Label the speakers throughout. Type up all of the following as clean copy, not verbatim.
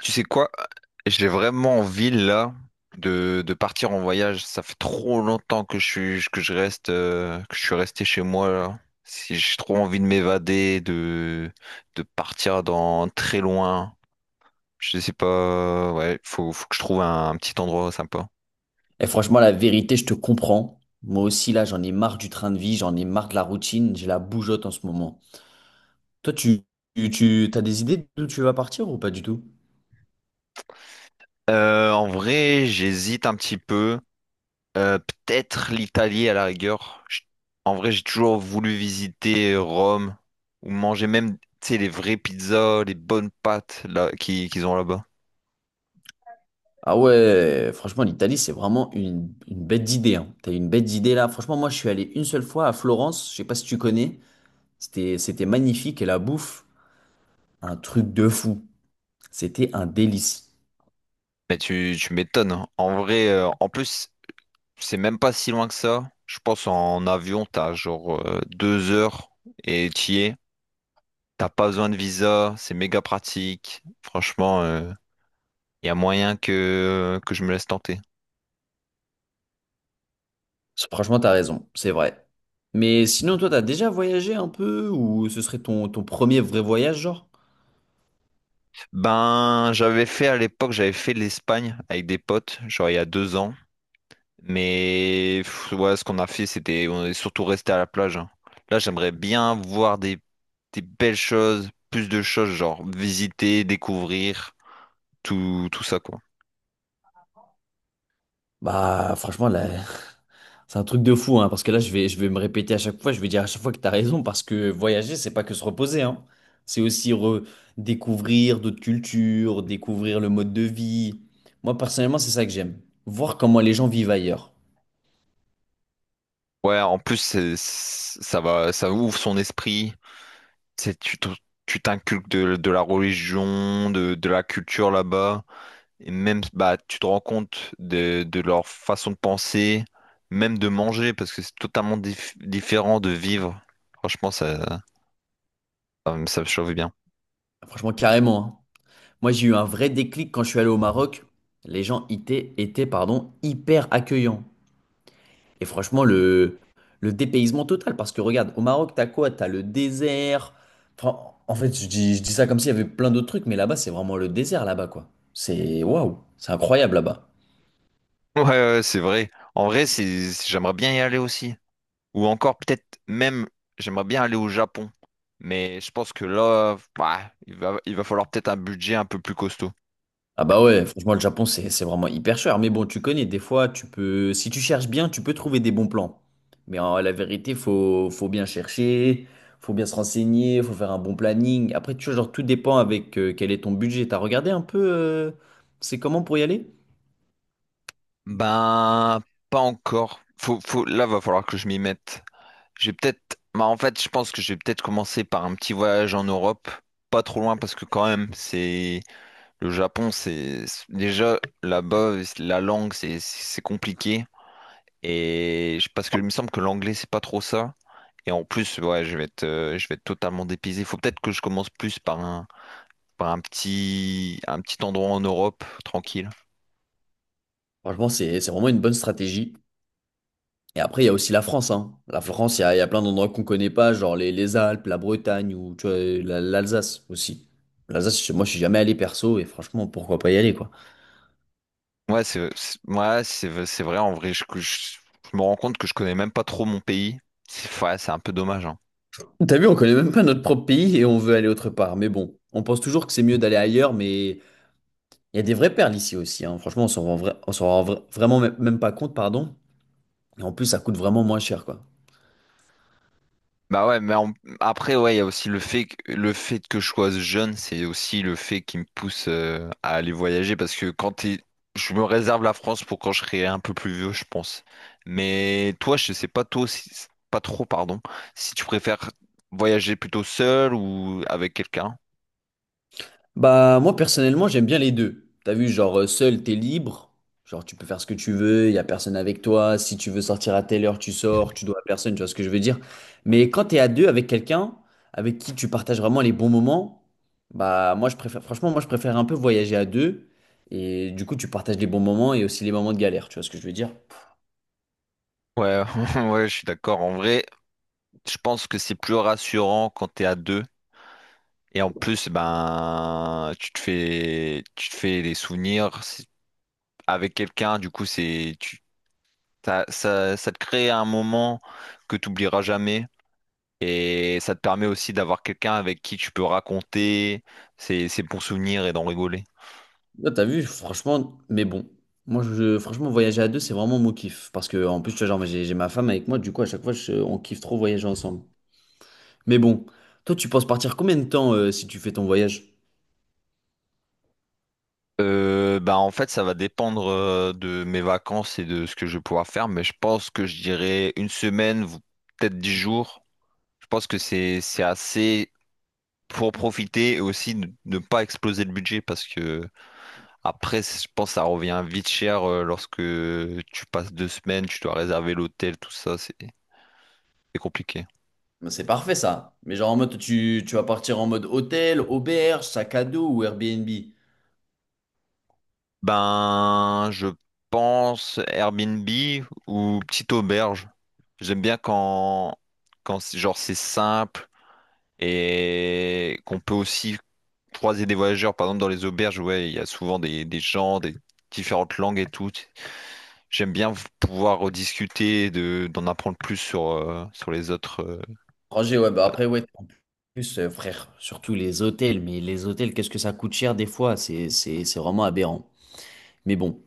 Speaker 1: Tu sais quoi? J'ai vraiment envie là de partir en voyage. Ça fait trop longtemps que je suis resté chez moi là. Si j'ai trop envie de m'évader, de partir dans très loin. Je sais pas. Ouais, faut que je trouve un petit endroit sympa.
Speaker 2: Et franchement, la vérité, je te comprends. Moi aussi, là, j'en ai marre du train de vie, j'en ai marre de la routine, j'ai la bougeotte en ce moment. Toi, t'as des idées d'où tu vas partir ou pas du tout?
Speaker 1: En vrai, j'hésite un petit peu. Euh, peut-être l'Italie à la rigueur. En vrai, j'ai toujours voulu visiter Rome ou manger même, tu sais, les vraies pizzas, les bonnes pâtes là qu'ils ont là-bas.
Speaker 2: Ah ouais, franchement, l'Italie, c'est vraiment une bête d'idée, hein. T'as une bête d'idée là. Franchement, moi, je suis allé une seule fois à Florence, je sais pas si tu connais. C'était magnifique et la bouffe, un truc de fou. C'était un délice.
Speaker 1: Mais tu m'étonnes. Hein. En vrai, en plus, c'est même pas si loin que ça. Je pense en avion, t'as genre deux heures et t'y es. T'as pas besoin de visa, c'est méga pratique. Franchement, il y a moyen que je me laisse tenter.
Speaker 2: Franchement, t'as raison, c'est vrai. Mais sinon, toi, t'as déjà voyagé un peu ou ce serait ton premier vrai voyage, genre?
Speaker 1: Ben, j'avais fait à l'époque, j'avais fait l'Espagne avec des potes, genre il y a deux ans. Mais pff, ouais, ce qu'on a fait, c'était on est surtout resté à la plage. Hein. Là, j'aimerais bien voir des belles choses, plus de choses, genre visiter, découvrir, tout ça quoi.
Speaker 2: Bah, franchement, là, c'est un truc de fou, hein, parce que là, je vais me répéter à chaque fois, je vais dire à chaque fois que t'as raison, parce que voyager, c'est pas que se reposer, hein. C'est aussi redécouvrir d'autres cultures, découvrir le mode de vie. Moi, personnellement, c'est ça que j'aime. Voir comment les gens vivent ailleurs.
Speaker 1: Ouais, en plus, ça va, ça ouvre son esprit. C'est, tu te- Tu t'inculques de la religion, de la culture là-bas. Et même, bah, tu te rends compte de leur façon de penser, même de manger, parce que c'est totalement différent de vivre. Franchement, ça me chauffe bien.
Speaker 2: Franchement, carrément, hein. Moi, j'ai eu un vrai déclic quand je suis allé au Maroc. Les gens pardon, hyper accueillants. Et franchement, le dépaysement total, parce que regarde, au Maroc, t'as quoi? T'as le désert. Enfin, en fait, je dis ça comme s'il y avait plein d'autres trucs, mais là-bas, c'est vraiment le désert, là-bas, quoi. C'est waouh, c'est incroyable là-bas.
Speaker 1: Ouais, ouais, c'est vrai. En vrai, j'aimerais bien y aller aussi. Ou encore, peut-être même, j'aimerais bien aller au Japon. Mais je pense que là, bah, il va falloir peut-être un budget un peu plus costaud.
Speaker 2: Ah bah ouais, franchement, le Japon, c'est vraiment hyper cher. Mais bon, tu connais, des fois, tu peux, si tu cherches bien, tu peux trouver des bons plans. Mais en, la vérité, faut bien chercher, faut bien se renseigner, faut faire un bon planning. Après, tu vois, genre, tout dépend avec quel est ton budget. T'as regardé un peu, c'est comment pour y aller?
Speaker 1: Ben, pas encore. Faut, là, va falloir que je m'y mette. J'ai peut-être, bah, en fait, je pense que je vais peut-être commencer par un petit voyage en Europe, pas trop loin parce que quand même, c'est le Japon, déjà là-bas, la langue, c'est compliqué parce que il me semble que l'anglais, c'est pas trop ça. Et en plus, ouais, je vais être totalement dépaysé. Faut peut-être que je commence plus par un petit endroit en Europe, tranquille.
Speaker 2: Franchement, c'est vraiment une bonne stratégie. Et après, il y a aussi la France, hein. La France, il y a plein d'endroits qu'on connaît pas, genre les Alpes, la Bretagne ou tu vois, l'Alsace aussi. L'Alsace, moi, je suis jamais allé perso et franchement, pourquoi pas y aller, quoi.
Speaker 1: Ouais, ouais, c'est vrai, en vrai, je me rends compte que je connais même pas trop mon pays. C'est ouais, c'est un peu dommage, hein.
Speaker 2: T'as vu, on connaît même pas notre propre pays et on veut aller autre part. Mais bon, on pense toujours que c'est mieux d'aller ailleurs, mais il y a des vraies perles ici aussi, hein. Franchement, on s'en rend vraiment même pas compte, pardon. Et en plus, ça coûte vraiment moins cher, quoi.
Speaker 1: Bah ouais, après, ouais, il y a aussi le fait que je sois jeune, c'est aussi le fait qui me pousse à aller voyager parce que je me réserve la France pour quand je serai un peu plus vieux, je pense. Mais toi, je sais pas toi pas trop, pardon, si tu préfères voyager plutôt seul ou avec quelqu'un.
Speaker 2: Bah moi personnellement j'aime bien les deux. T'as vu genre seul t'es libre, genre tu peux faire ce que tu veux, il y a personne avec toi, si tu veux sortir à telle heure tu sors, tu dois à personne, tu vois ce que je veux dire. Mais quand t'es à deux avec quelqu'un avec qui tu partages vraiment les bons moments, moi je préfère un peu voyager à deux, et du coup tu partages les bons moments et aussi les moments de galère, tu vois ce que je veux dire.
Speaker 1: Ouais, ouais, je suis d'accord. En vrai, je pense que c'est plus rassurant quand t'es à deux. Et en plus, ben, tu te fais des souvenirs avec quelqu'un. Du coup, c'est, tu, t'as- ça te crée un moment que tu oublieras jamais. Et ça te permet aussi d'avoir quelqu'un avec qui tu peux raconter ses bons souvenirs et d'en rigoler.
Speaker 2: Là, t'as vu, franchement, mais bon. Franchement, voyager à deux, c'est vraiment mon kiff. Parce que, en plus, tu vois, genre, j'ai ma femme avec moi, du coup, à chaque fois, on kiffe trop voyager ensemble. Mais bon, toi, tu penses partir combien de temps si tu fais ton voyage?
Speaker 1: Ben, en fait, ça va dépendre de mes vacances et de ce que je vais pouvoir faire. Mais je pense que je dirais une semaine, peut-être dix jours. Je pense que c'est assez pour profiter et aussi ne pas exploser le budget parce que après, je pense que ça revient vite cher lorsque tu passes deux semaines, tu dois réserver l'hôtel, tout ça, c'est compliqué.
Speaker 2: Mais c'est parfait ça. Mais genre en mode tu vas partir en mode hôtel, auberge, sac à dos ou Airbnb?
Speaker 1: Ben, je pense Airbnb ou petite auberge. J'aime bien quand genre c'est simple et qu'on peut aussi croiser des voyageurs. Par exemple, dans les auberges, ouais, il y a souvent des gens, des différentes langues et tout. J'aime bien pouvoir rediscuter, d'en apprendre plus sur les autres.
Speaker 2: Roger, ouais, bah après ouais, en plus frère, surtout les hôtels, mais les hôtels, qu'est-ce que ça coûte cher des fois? C'est vraiment aberrant. Mais bon,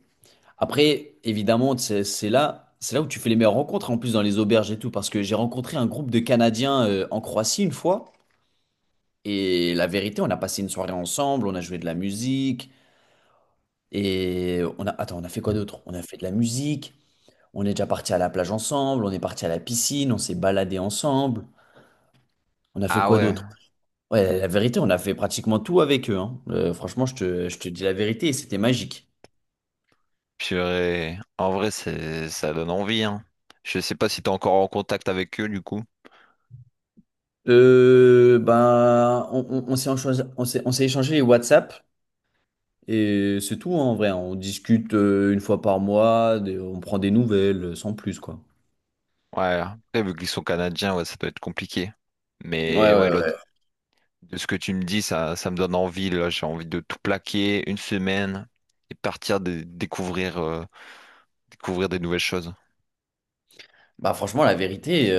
Speaker 2: après, évidemment, c'est là où tu fais les meilleures rencontres, en plus dans les auberges et tout, parce que j'ai rencontré un groupe de Canadiens en Croatie une fois, et la vérité, on a passé une soirée ensemble, on a joué de la musique. Et on a, attends, on a fait quoi d'autre? On a fait de la musique, on est déjà parti à la plage ensemble, on est parti à la piscine, on s'est baladé ensemble. On a fait
Speaker 1: Ah
Speaker 2: quoi
Speaker 1: ouais,
Speaker 2: d'autre? Ouais, la vérité, on a fait pratiquement tout avec eux, hein. Franchement, je te dis la vérité, et c'était magique.
Speaker 1: purée. En vrai, ça donne envie, hein. Je sais pas si t'es encore en contact avec eux, du coup.
Speaker 2: Ben, on s'est enchoi- on s'est échangé les WhatsApp et c'est tout, hein, en vrai, hein. On discute une fois par mois, on prend des nouvelles, sans plus, quoi.
Speaker 1: Ouais, après, vu qu'ils sont canadiens, ouais, ça doit être compliqué.
Speaker 2: Ouais,
Speaker 1: Mais ouais,
Speaker 2: ouais, ouais.
Speaker 1: de ce que tu me dis, ça me donne envie, là. J'ai envie de tout plaquer une semaine et partir découvrir des nouvelles choses.
Speaker 2: Bah franchement, la vérité,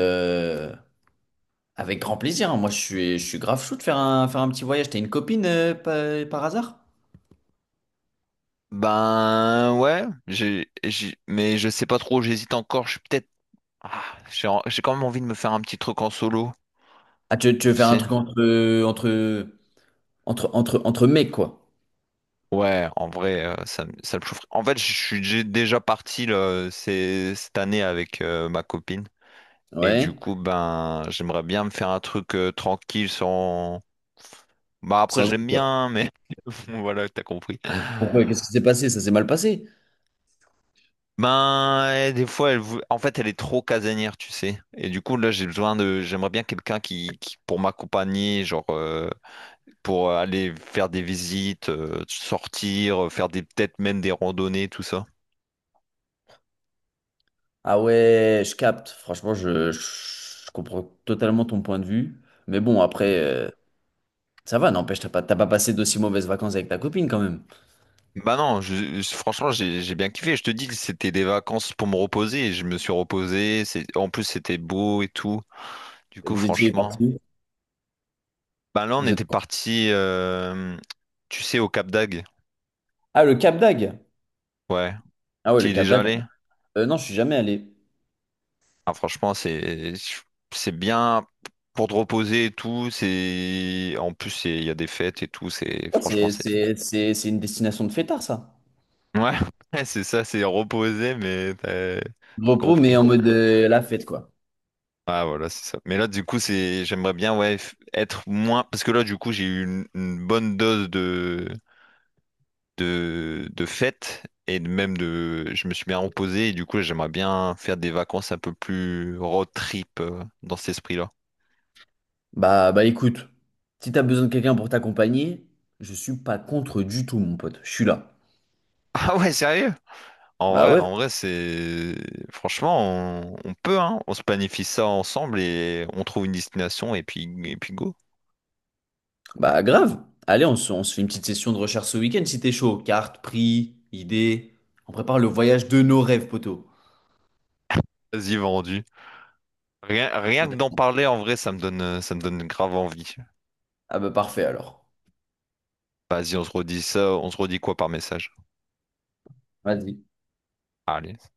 Speaker 2: avec grand plaisir, hein. Moi, je suis grave chaud de faire faire un petit voyage. T'as une copine par hasard?
Speaker 1: Ben ouais, mais je sais pas trop, j'hésite encore. Je suis peut-être Ah, j'ai quand même envie de me faire un petit truc en solo,
Speaker 2: Ah, tu veux
Speaker 1: tu
Speaker 2: faire un
Speaker 1: sais.
Speaker 2: truc entre mecs, quoi?
Speaker 1: Ouais, en vrai, ça me chaufferait. En fait, je suis j'ai déjà parti là, cette année avec ma copine. Et du
Speaker 2: Ouais.
Speaker 1: coup, ben, j'aimerais bien me faire un truc tranquille sans... Bah après,
Speaker 2: Sans
Speaker 1: j'aime
Speaker 2: être.
Speaker 1: bien, mais voilà, t'as compris.
Speaker 2: Pourquoi? Qu'est-ce qui s'est passé? Ça s'est mal passé?
Speaker 1: Ben, et des fois, en fait, elle est trop casanière, tu sais. Et du coup, là, j'ai besoin de... J'aimerais bien quelqu'un pour m'accompagner, genre... pour aller faire des visites, sortir, faire des peut-être même des randonnées, tout ça.
Speaker 2: Ah ouais, je capte. Franchement, je comprends totalement ton point de vue. Mais bon, après, ça va, n'empêche, t'as pas passé d'aussi mauvaises vacances avec ta copine quand même.
Speaker 1: Bah non, franchement, j'ai bien kiffé. Je te dis que c'était des vacances pour me reposer et je me suis reposé. En plus, c'était beau et tout. Du coup,
Speaker 2: Vous étiez
Speaker 1: franchement.
Speaker 2: parti où?
Speaker 1: Bah là, on
Speaker 2: Vous êtes...
Speaker 1: était parti, tu sais, au Cap d'Agde.
Speaker 2: Ah, le Cap d'Agde.
Speaker 1: Ouais.
Speaker 2: Ah ouais,
Speaker 1: Tu y
Speaker 2: le
Speaker 1: es
Speaker 2: Cap
Speaker 1: déjà
Speaker 2: d'Agde.
Speaker 1: allé?
Speaker 2: Non, je suis jamais allé.
Speaker 1: Ah, franchement, c'est bien pour te reposer et tout. C'est en plus, il y a des fêtes et tout. C'est franchement, c'est
Speaker 2: C'est une destination de fêtard, ça.
Speaker 1: Ouais, ouais, c'est ça, c'est reposer mais t'as
Speaker 2: Repos, mais
Speaker 1: compris.
Speaker 2: en mode la fête, quoi.
Speaker 1: Ah voilà, c'est ça. Mais là, du coup, c'est j'aimerais bien ouais être moins parce que là, du coup, j'ai eu une bonne dose de fête et de- même de je me suis bien reposé et du coup, j'aimerais bien faire des vacances un peu plus road trip dans cet esprit-là.
Speaker 2: Bah, bah écoute, si t'as besoin de quelqu'un pour t'accompagner, je suis pas contre du tout, mon pote. Je suis là.
Speaker 1: Ah ouais, sérieux? En
Speaker 2: Bah
Speaker 1: vrai,
Speaker 2: ouais,
Speaker 1: en vrai, c'est franchement, on peut hein, on se planifie ça ensemble et on trouve une destination et puis go.
Speaker 2: bah grave. Allez, on se fait une petite session de recherche ce week-end si t'es chaud. Cartes, prix, idées. On prépare le voyage de nos rêves, poteau.
Speaker 1: Vas-y, vendu. Rien que d'en
Speaker 2: Vas-y.
Speaker 1: parler en vrai, ça me donne grave envie.
Speaker 2: Ah bah parfait alors.
Speaker 1: Vas-y, on se redit quoi par message?
Speaker 2: Vas-y.
Speaker 1: Allez.